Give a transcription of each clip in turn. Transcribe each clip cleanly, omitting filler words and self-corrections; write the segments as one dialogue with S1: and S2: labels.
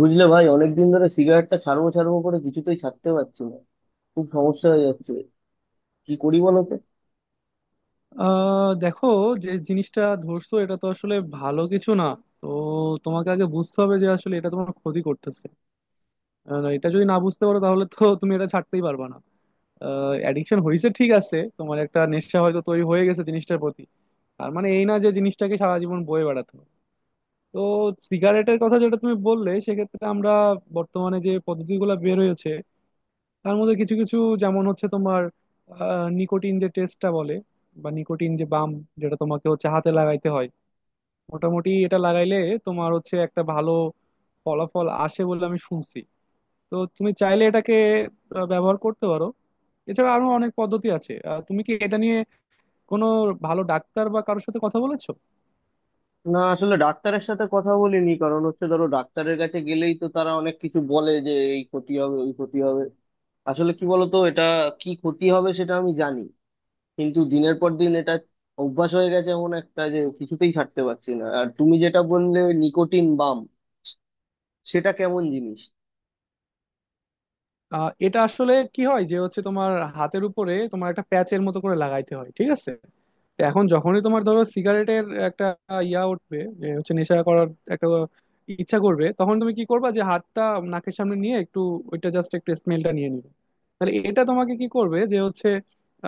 S1: বুঝলে ভাই, অনেকদিন ধরে সিগারেটটা ছাড়বো ছাড়বো করে কিছুতেই ছাড়তে পারছি না। খুব সমস্যা হয়ে যাচ্ছে। কি করি বলো তো?
S2: দেখো, যে জিনিসটা ধরছো এটা তো আসলে ভালো কিছু না। তো তোমাকে আগে বুঝতে হবে যে আসলে এটা তোমার ক্ষতি করতেছে। এটা যদি না বুঝতে পারো তাহলে তো তুমি এটা ছাড়তেই পারবে না। অ্যাডিকশন হয়েছে, ঠিক আছে, তোমার একটা নেশা হয়তো তৈরি হয়ে গেছে জিনিসটার প্রতি। তার মানে এই না যে জিনিসটাকে সারা জীবন বয়ে বেড়াতে হবে। তো সিগারেটের কথা যেটা তুমি বললে সেক্ষেত্রে আমরা বর্তমানে যে পদ্ধতিগুলো বের হয়েছে তার মধ্যে কিছু কিছু, যেমন হচ্ছে তোমার নিকোটিন যে টেস্টটা বলে বা নিকোটিন যে বাম, যেটা তোমাকে হচ্ছে হাতে লাগাইতে হয়। মোটামুটি এটা লাগাইলে তোমার হচ্ছে একটা ভালো ফলাফল আসে বলে আমি শুনছি। তো তুমি চাইলে এটাকে ব্যবহার করতে পারো। এছাড়া আরো অনেক পদ্ধতি আছে। তুমি কি এটা নিয়ে কোনো ভালো ডাক্তার বা কারোর সাথে কথা বলেছো?
S1: না, আসলে ডাক্তারের সাথে কথা বলিনি, কারণ হচ্ছে ধরো ডাক্তারের কাছে গেলেই তো তারা অনেক কিছু বলে যে এই ক্ষতি হবে, ওই ক্ষতি হবে। আসলে কি বলতো, এটা কি ক্ষতি হবে সেটা আমি জানি, কিন্তু দিনের পর দিন এটা অভ্যাস হয়ে গেছে এমন একটা, যে কিছুতেই ছাড়তে পারছি না। আর তুমি যেটা বললে নিকোটিন বাম, সেটা কেমন জিনিস?
S2: এটা আসলে কি হয় যে হচ্ছে তোমার হাতের উপরে তোমার একটা প্যাচের মতো করে লাগাইতে হয়, ঠিক আছে? তো এখন যখনই তোমার ধরো সিগারেটের একটা ইয়া উঠবে, যে হচ্ছে নেশা করার একটা ইচ্ছা করবে, তখন তুমি কি করবা যে হাতটা নাকের সামনে নিয়ে একটু ওইটা জাস্ট একটু স্মেলটা নিয়ে নিবে। তাহলে এটা তোমাকে কি করবে যে হচ্ছে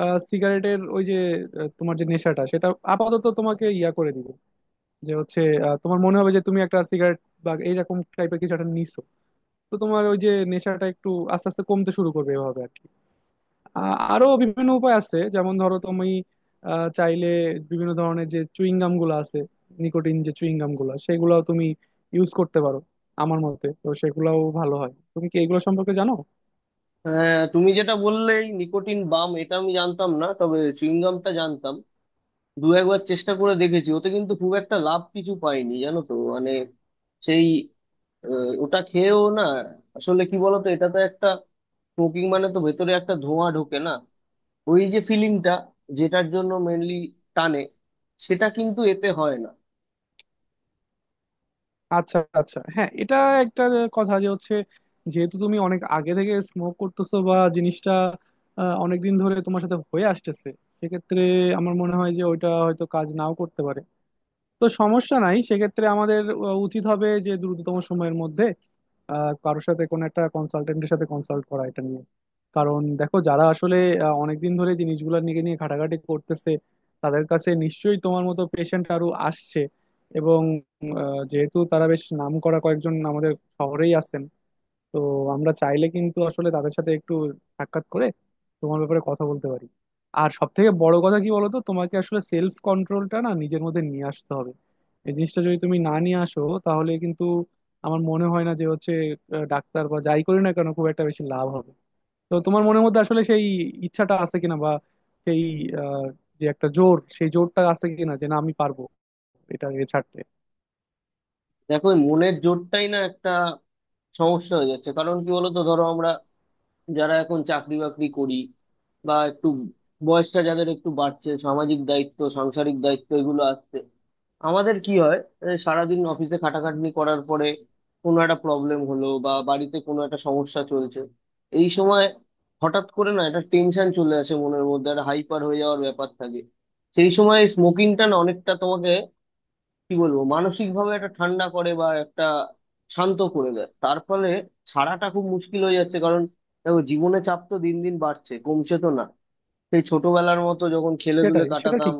S2: সিগারেটের ওই যে তোমার যে নেশাটা, সেটা আপাতত তোমাকে ইয়া করে দিবে। যে হচ্ছে তোমার মনে হবে যে তুমি একটা সিগারেট বা এইরকম টাইপের কিছু একটা নিছো। তো তোমার ওই যে নেশাটা একটু আস্তে আস্তে কমতে শুরু করবে, এভাবে আর কি। আরো বিভিন্ন উপায় আছে, যেমন ধরো তুমি চাইলে বিভিন্ন ধরনের যে চুইং গাম গুলো আছে, নিকোটিন যে চুইং গাম গুলো, সেগুলাও তুমি ইউজ করতে পারো। আমার মতে তো সেগুলাও ভালো হয়। তুমি কি এগুলো সম্পর্কে জানো?
S1: হ্যাঁ, তুমি যেটা বললে এই নিকোটিন বাম, এটা আমি জানতাম না, তবে চুইংগামটা জানতাম। দু একবার চেষ্টা করে দেখেছি, ওতে কিন্তু খুব একটা লাভ কিছু পাইনি, জানো তো মানে সেই ওটা খেয়েও না। আসলে কি বলতো, এটা তো একটা স্মোকিং মানে তো ভেতরে একটা ধোঁয়া ঢোকে না? ওই যে ফিলিংটা, যেটার জন্য মেনলি টানে, সেটা কিন্তু এতে হয় না।
S2: আচ্ছা, আচ্ছা, হ্যাঁ, এটা একটা কথা যে হচ্ছে, যেহেতু তুমি অনেক আগে থেকে স্মোক করতেছো বা জিনিসটা অনেক দিন ধরে তোমার সাথে হয়ে আসতেছে, সেক্ষেত্রে আমার মনে হয় যে ওইটা হয়তো কাজ নাও করতে পারে। তো সমস্যা নাই, সেক্ষেত্রে আমাদের উচিত হবে যে দ্রুততম সময়ের মধ্যে কারোর সাথে, কোনো একটা কনসালটেন্টের সাথে কনসাল্ট করা এটা নিয়ে। কারণ দেখো, যারা আসলে অনেকদিন ধরে জিনিসগুলো নিয়ে নিয়ে ঘাটাঘাটি করতেছে, তাদের কাছে নিশ্চয়ই তোমার মতো পেশেন্ট আরো আসছে। এবং যেহেতু তারা বেশ নাম করা কয়েকজন আমাদের শহরেই আছেন, তো আমরা চাইলে কিন্তু আসলে তাদের সাথে একটু সাক্ষাৎ করে তোমার ব্যাপারে কথা বলতে পারি। আর সব থেকে বড় কথা কি বলতো, তোমাকে আসলে সেলফ কন্ট্রোলটা না নিজের মধ্যে নিয়ে আসতে হবে। এই জিনিসটা যদি তুমি না নিয়ে আসো তাহলে কিন্তু আমার মনে হয় না যে হচ্ছে ডাক্তার বা যাই করি না কেন খুব একটা বেশি লাভ হবে। তো তোমার মনের মধ্যে আসলে সেই ইচ্ছাটা আছে কিনা, বা সেই আহ, যে একটা জোর, সেই জোরটা আছে কিনা যে না, আমি পারবো এটা এ ছাড়তে।
S1: দেখো, এই মনের জোরটাই না একটা সমস্যা হয়ে যাচ্ছে। কারণ কি বলতো, ধরো আমরা যারা এখন চাকরি বাকরি করি, বা একটু বয়সটা যাদের একটু বাড়ছে, সামাজিক দায়িত্ব, সাংসারিক দায়িত্ব এগুলো আসছে, আমাদের কি হয়, এই সারাদিন অফিসে খাটাখাটনি করার পরে কোনো একটা প্রবলেম হলো বা বাড়িতে কোনো একটা সমস্যা চলছে, এই সময় হঠাৎ করে না একটা টেনশন চলে আসে মনের মধ্যে, একটা হাইপার হয়ে যাওয়ার ব্যাপার থাকে। সেই সময় স্মোকিংটা না অনেকটা তোমাকে কি বলবো, মানসিক ভাবে একটা ঠান্ডা করে বা একটা শান্ত করে দেয়, তার ফলে ছাড়াটা খুব মুশকিল হয়ে যাচ্ছে। কারণ দেখো, জীবনে চাপ তো দিন দিন বাড়ছে, কমছে তো না। সেই ছোটবেলার মতো যখন খেলে দুলে
S2: সেটাই সেটা
S1: কাটাতাম,
S2: ঠিক।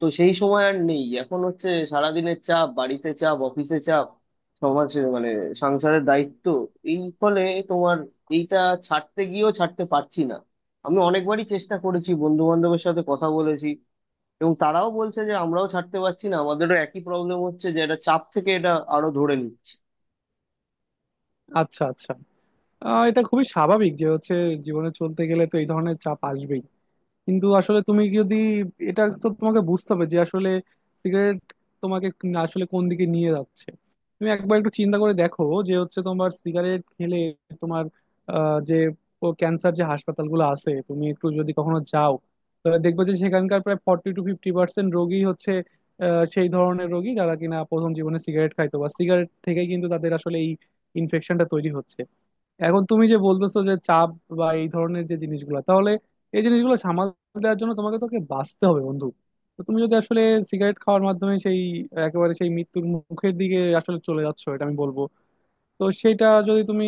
S1: তো সেই সময় আর নেই। এখন হচ্ছে সারাদিনের চাপ, বাড়িতে চাপ, অফিসে চাপ, সমাজে মানে সংসারের দায়িত্ব, এই ফলে তোমার এইটা ছাড়তে গিয়েও ছাড়তে পারছি না। আমি অনেকবারই চেষ্টা করেছি, বন্ধু বান্ধবের সাথে কথা বলেছি, এবং তারাও বলছে যে আমরাও ছাড়তে পারছি না, আমাদেরও একই প্রবলেম হচ্ছে, যে এটা চাপ থেকে এটা আরো ধরে নিচ্ছে।
S2: আচ্ছা, আচ্ছা, এটা খুবই স্বাভাবিক যে হচ্ছে জীবনে চলতে গেলে তো এই ধরনের চাপ আসবেই। কিন্তু আসলে তুমি যদি এটা, তো তোমাকে বুঝতে হবে যে আসলে সিগারেট তোমাকে আসলে কোন দিকে নিয়ে যাচ্ছে। তুমি একবার একটু চিন্তা করে দেখো যে হচ্ছে তোমার সিগারেট খেলে তোমার যে ক্যান্সার, যে হাসপাতালগুলো আছে তুমি একটু যদি কখনো যাও, তাহলে দেখবে যে সেখানকার প্রায় 40-50% রোগী হচ্ছে সেই ধরনের রোগী যারা কিনা প্রথম জীবনে সিগারেট খাইতো, বা সিগারেট থেকেই কিন্তু তাদের আসলে এই ইনফেকশনটা তৈরি হচ্ছে। এখন তুমি যে বলতেছো যে চাপ বা এই ধরনের যে জিনিসগুলো, তাহলে এই জিনিসগুলো সামাল দেওয়ার জন্য তোমাকে তোকে বাঁচতে হবে বন্ধু। তো তুমি যদি আসলে সিগারেট খাওয়ার মাধ্যমে সেই একেবারে সেই মৃত্যুর মুখের দিকে আসলে চলে যাচ্ছ, এটা আমি বলবো। তো সেটা যদি তুমি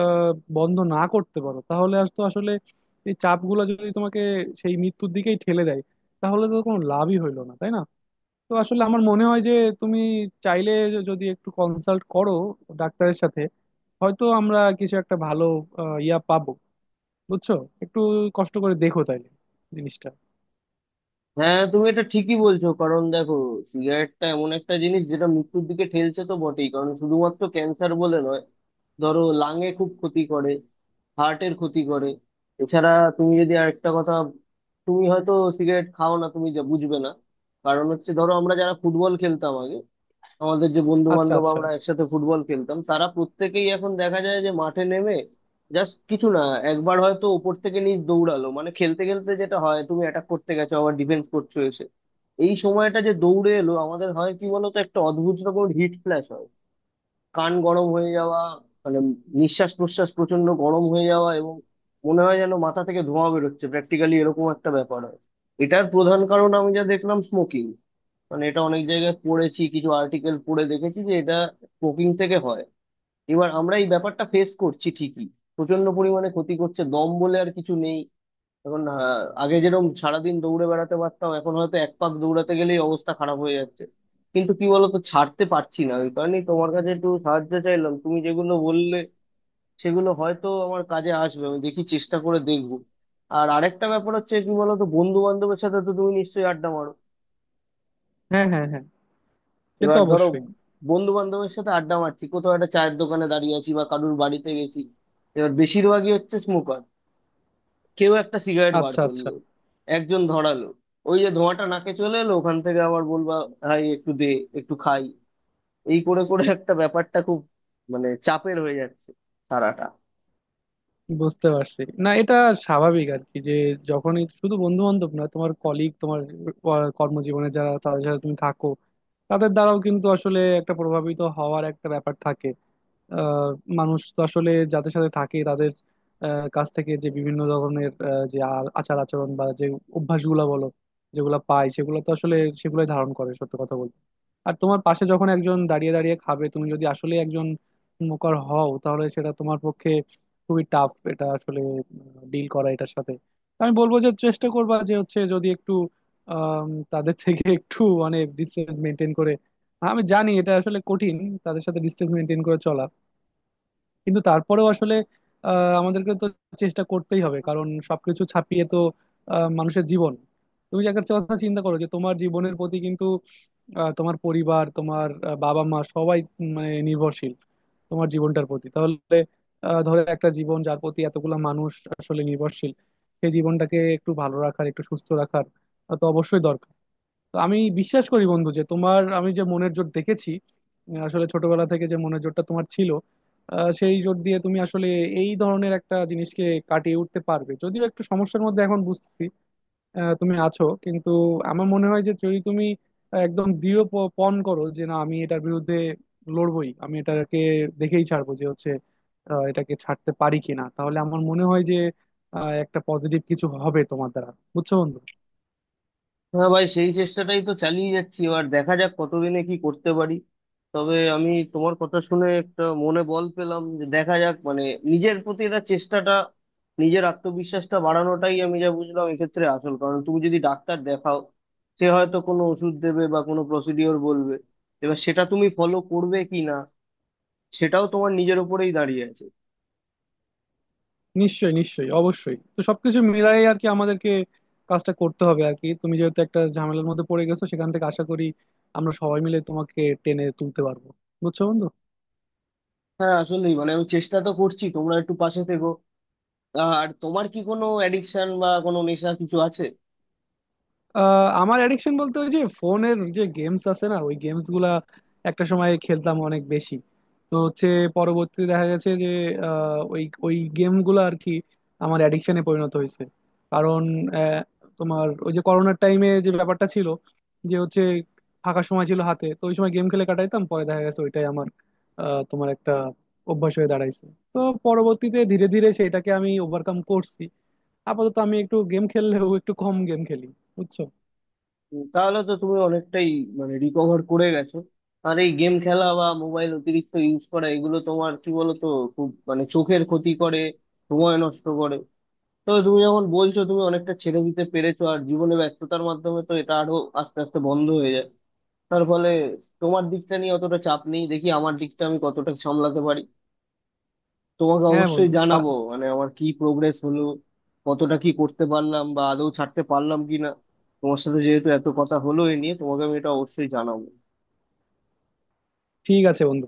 S2: আহ বন্ধ না করতে পারো, তাহলে আজ তো আসলে এই চাপগুলো যদি তোমাকে সেই মৃত্যুর দিকেই ঠেলে দেয়, তাহলে তো কোনো লাভই হইলো না, তাই না? তো আসলে আমার মনে হয় যে তুমি চাইলে, যদি একটু কনসাল্ট করো ডাক্তারের সাথে, হয়তো আমরা কিছু একটা ভালো ইয়া পাবো। বুঝছো? একটু কষ্ট করে দেখো তাইলে জিনিসটা।
S1: হ্যাঁ, তুমি এটা ঠিকই বলছো। কারণ দেখো, সিগারেটটা এমন একটা জিনিস যেটা মৃত্যুর দিকে ঠেলছে তো বটেই, কারণ শুধুমাত্র ক্যান্সার বলে নয়, ধরো লাঙে খুব ক্ষতি করে, হার্টের ক্ষতি করে। এছাড়া তুমি যদি আরেকটা কথা, তুমি হয়তো সিগারেট খাও না, তুমি যা বুঝবে না। কারণ হচ্ছে ধরো আমরা যারা ফুটবল খেলতাম আগে, আমাদের যে বন্ধু
S2: আচ্ছা,
S1: বান্ধব
S2: আচ্ছা।
S1: আমরা একসাথে ফুটবল খেলতাম, তারা প্রত্যেকেই এখন দেখা যায় যে মাঠে নেমে জাস্ট কিছু না, একবার হয়তো ওপর থেকে নিচ দৌড়ালো, মানে খেলতে খেলতে যেটা হয় তুমি অ্যাটাক করতে গেছো, আবার ডিফেন্স করছো এসে, এই সময়টা যে দৌড়ে এলো, আমাদের হয় কি বলতো একটা অদ্ভুত রকম হিট ফ্ল্যাশ হয়, কান গরম হয়ে যাওয়া, মানে নিঃশ্বাস প্রশ্বাস প্রচন্ড গরম হয়ে যাওয়া, এবং মনে হয় যেন মাথা থেকে ধোঁয়া বেরোচ্ছে প্র্যাকটিক্যালি, এরকম একটা ব্যাপার হয়। এটার প্রধান কারণ আমি যা দেখলাম স্মোকিং, মানে এটা অনেক জায়গায় পড়েছি, কিছু আর্টিকেল পড়ে দেখেছি যে এটা স্মোকিং থেকে হয়। এবার আমরা এই ব্যাপারটা ফেস করছি ঠিকই, প্রচন্ড পরিমাণে ক্ষতি করছে, দম বলে আর কিছু নেই। এখন আগে যেরকম সারাদিন দৌড়ে বেড়াতে পারতাম, এখন হয়তো এক পাক দৌড়াতে গেলেই অবস্থা খারাপ হয়ে যাচ্ছে। কিন্তু কি বলতো, ছাড়তে পারছি না, ওই কারণেই তোমার কাছে একটু সাহায্য চাইলাম। তুমি যেগুলো বললে সেগুলো হয়তো আমার কাজে আসবে, আমি দেখি চেষ্টা করে দেখবো। আর আরেকটা ব্যাপার হচ্ছে কি বলতো, বন্ধু বান্ধবের সাথে তো তুমি নিশ্চয়ই আড্ডা মারো।
S2: হ্যাঁ, হ্যাঁ, হ্যাঁ, সে তো
S1: এবার ধরো,
S2: অবশ্যই।
S1: বন্ধু বান্ধবের সাথে আড্ডা মারছি, কোথাও একটা চায়ের দোকানে দাঁড়িয়ে আছি বা কারুর বাড়িতে গেছি, এবার বেশিরভাগই হচ্ছে স্মোকার, কেউ একটা সিগারেট বার
S2: আচ্ছা, আচ্ছা।
S1: করলো, একজন ধরালো, ওই যে ধোঁয়াটা নাকে চলে এলো, ওখান থেকে আবার বলবা ভাই একটু দে, একটু খাই। এই করে করে একটা ব্যাপারটা খুব মানে চাপের হয়ে যাচ্ছে সারাটা।
S2: বুঝতে পারছি, না এটা স্বাভাবিক আর কি। যে যখনই, শুধু বন্ধু বান্ধব না, তোমার কলিগ, তোমার কর্মজীবনে যারা, তাদের সাথে তুমি থাকো, তাদের দ্বারাও কিন্তু আসলে একটা প্রভাবিত হওয়ার একটা ব্যাপার থাকে। আহ, মানুষ তো আসলে যাদের সাথে থাকে তাদের কাছ থেকে যে বিভিন্ন ধরনের যে আচার আচরণ বা যে অভ্যাসগুলা বলো, যেগুলা পায়, সেগুলো তো আসলে সেগুলাই ধারণ করে, সত্য কথা বলতে। আর তোমার পাশে যখন একজন দাঁড়িয়ে দাঁড়িয়ে খাবে, তুমি যদি আসলে একজন স্মোকার হও, তাহলে সেটা তোমার পক্ষে খুবই টাফ, এটা আসলে ডিল করা এটার সাথে। তো আমি বলবো যে চেষ্টা করবা, যে হচ্ছে যদি একটু আম, তাদের থেকে একটু মানে ডিস্টেন্স মেনটেন করে, আমি জানি এটা আসলে কঠিন, তাদের সাথে ডিস্টেন্স মেনটেন করে চলা। কিন্তু তারপরেও আসলে আমাদেরকে তো চেষ্টা করতেই হবে, কারণ সবকিছু ছাপিয়ে তো মানুষের জীবন। তুমি যে একটা কথা চিন্তা করো যে তোমার জীবনের প্রতি কিন্তু তোমার পরিবার, তোমার বাবা মা সবাই মানে নির্ভরশীল তোমার জীবনটার প্রতি। তাহলে ধরো একটা জীবন যার প্রতি এতগুলা মানুষ আসলে নির্ভরশীল, সেই জীবনটাকে একটু ভালো রাখার, একটু সুস্থ রাখার তো অবশ্যই দরকার। তো আমি বিশ্বাস করি বন্ধু যে তোমার, আমি যে মনের জোর দেখেছি আসলে ছোটবেলা থেকে যে মনের জোরটা তোমার ছিল, সেই জোর দিয়ে তুমি আসলে এই ধরনের একটা জিনিসকে কাটিয়ে উঠতে পারবে। যদিও একটু সমস্যার মধ্যে এখন বুঝতেছি তুমি আছো, কিন্তু আমার মনে হয় যে যদি তুমি একদম দৃঢ় পণ করো যে না, আমি এটার বিরুদ্ধে লড়বই, আমি এটাকে দেখেই ছাড়বো, যে হচ্ছে এটাকে ছাড়তে পারি কিনা, তাহলে আমার মনে হয় যে একটা পজিটিভ কিছু হবে তোমার দ্বারা। বুঝছো বন্ধু?
S1: হ্যাঁ ভাই, সেই চেষ্টাটাই তো চালিয়ে যাচ্ছি, এবার দেখা যাক কতদিনে কি করতে পারি। তবে আমি তোমার কথা শুনে একটা মনে বল পেলাম, যে দেখা যাক মানে নিজের প্রতি এটা চেষ্টাটা, নিজের আত্মবিশ্বাসটা বাড়ানোটাই আমি যা বুঝলাম এক্ষেত্রে আসল কারণ। তুমি যদি ডাক্তার দেখাও, সে হয়তো কোনো ওষুধ দেবে বা কোনো প্রসিডিওর বলবে, এবার সেটা তুমি ফলো করবে কি না, সেটাও তোমার নিজের উপরেই দাঁড়িয়ে আছে।
S2: নিশ্চয়ই, নিশ্চয়ই, অবশ্যই, তো সবকিছু মিলাই আর কি আমাদেরকে কাজটা করতে হবে আর কি। তুমি যেহেতু একটা ঝামেলার মধ্যে পড়ে গেছো, সেখান থেকে আশা করি আমরা সবাই মিলে তোমাকে টেনে তুলতে পারবো। বুঝছো বন্ধু?
S1: হ্যাঁ, আসলেই মানে আমি চেষ্টা তো করছি, তোমরা একটু পাশে থেকো। আর তোমার কি কোনো অ্যাডিকশন বা কোনো নেশা কিছু আছে?
S2: আমার অ্যাডিকশন বলতে ওই যে ফোনের যে গেমস আছে না, ওই গেমস গুলা একটা সময় খেলতাম অনেক বেশি। তো হচ্ছে পরবর্তীতে দেখা গেছে যে ওই ওই গেম গুলো আর কি আমার অ্যাডিকশনে পরিণত হয়েছে। কারণ আহ, তোমার ওই যে করোনার টাইমে যে ব্যাপারটা ছিল, যে হচ্ছে ফাঁকা সময় ছিল হাতে, তো ওই সময় গেম খেলে কাটাইতাম। পরে দেখা গেছে ওইটাই আমার তোমার একটা অভ্যাস হয়ে দাঁড়াইছে। তো পরবর্তীতে ধীরে ধীরে সেটাকে আমি ওভারকাম করছি। আপাতত আমি একটু গেম খেললেও একটু কম গেম খেলি। বুঝছো?
S1: তাহলে তো তুমি অনেকটাই মানে রিকভার করে গেছো। আর এই গেম খেলা বা মোবাইল অতিরিক্ত ইউজ করা এগুলো তোমার কি বলতো খুব মানে চোখের ক্ষতি করে, সময় নষ্ট করে। তো তুমি যখন বলছো তুমি অনেকটা ছেড়ে দিতে পেরেছো, আর জীবনে ব্যস্ততার মাধ্যমে তো এটা আরো আস্তে আস্তে বন্ধ হয়ে যায়, তার ফলে তোমার দিকটা নিয়ে অতটা চাপ নেই। দেখি আমার দিকটা আমি কতটা সামলাতে পারি। তোমাকে
S2: হ্যাঁ
S1: অবশ্যই
S2: বন্ধু
S1: জানাবো মানে আমার কি প্রোগ্রেস হলো, কতটা কি করতে পারলাম বা আদৌ ছাড়তে পারলাম কিনা। তোমার সাথে যেহেতু এত কথা হলো এ নিয়ে, তোমাকে আমি এটা অবশ্যই জানাবো।
S2: ঠিক আছে বন্ধু।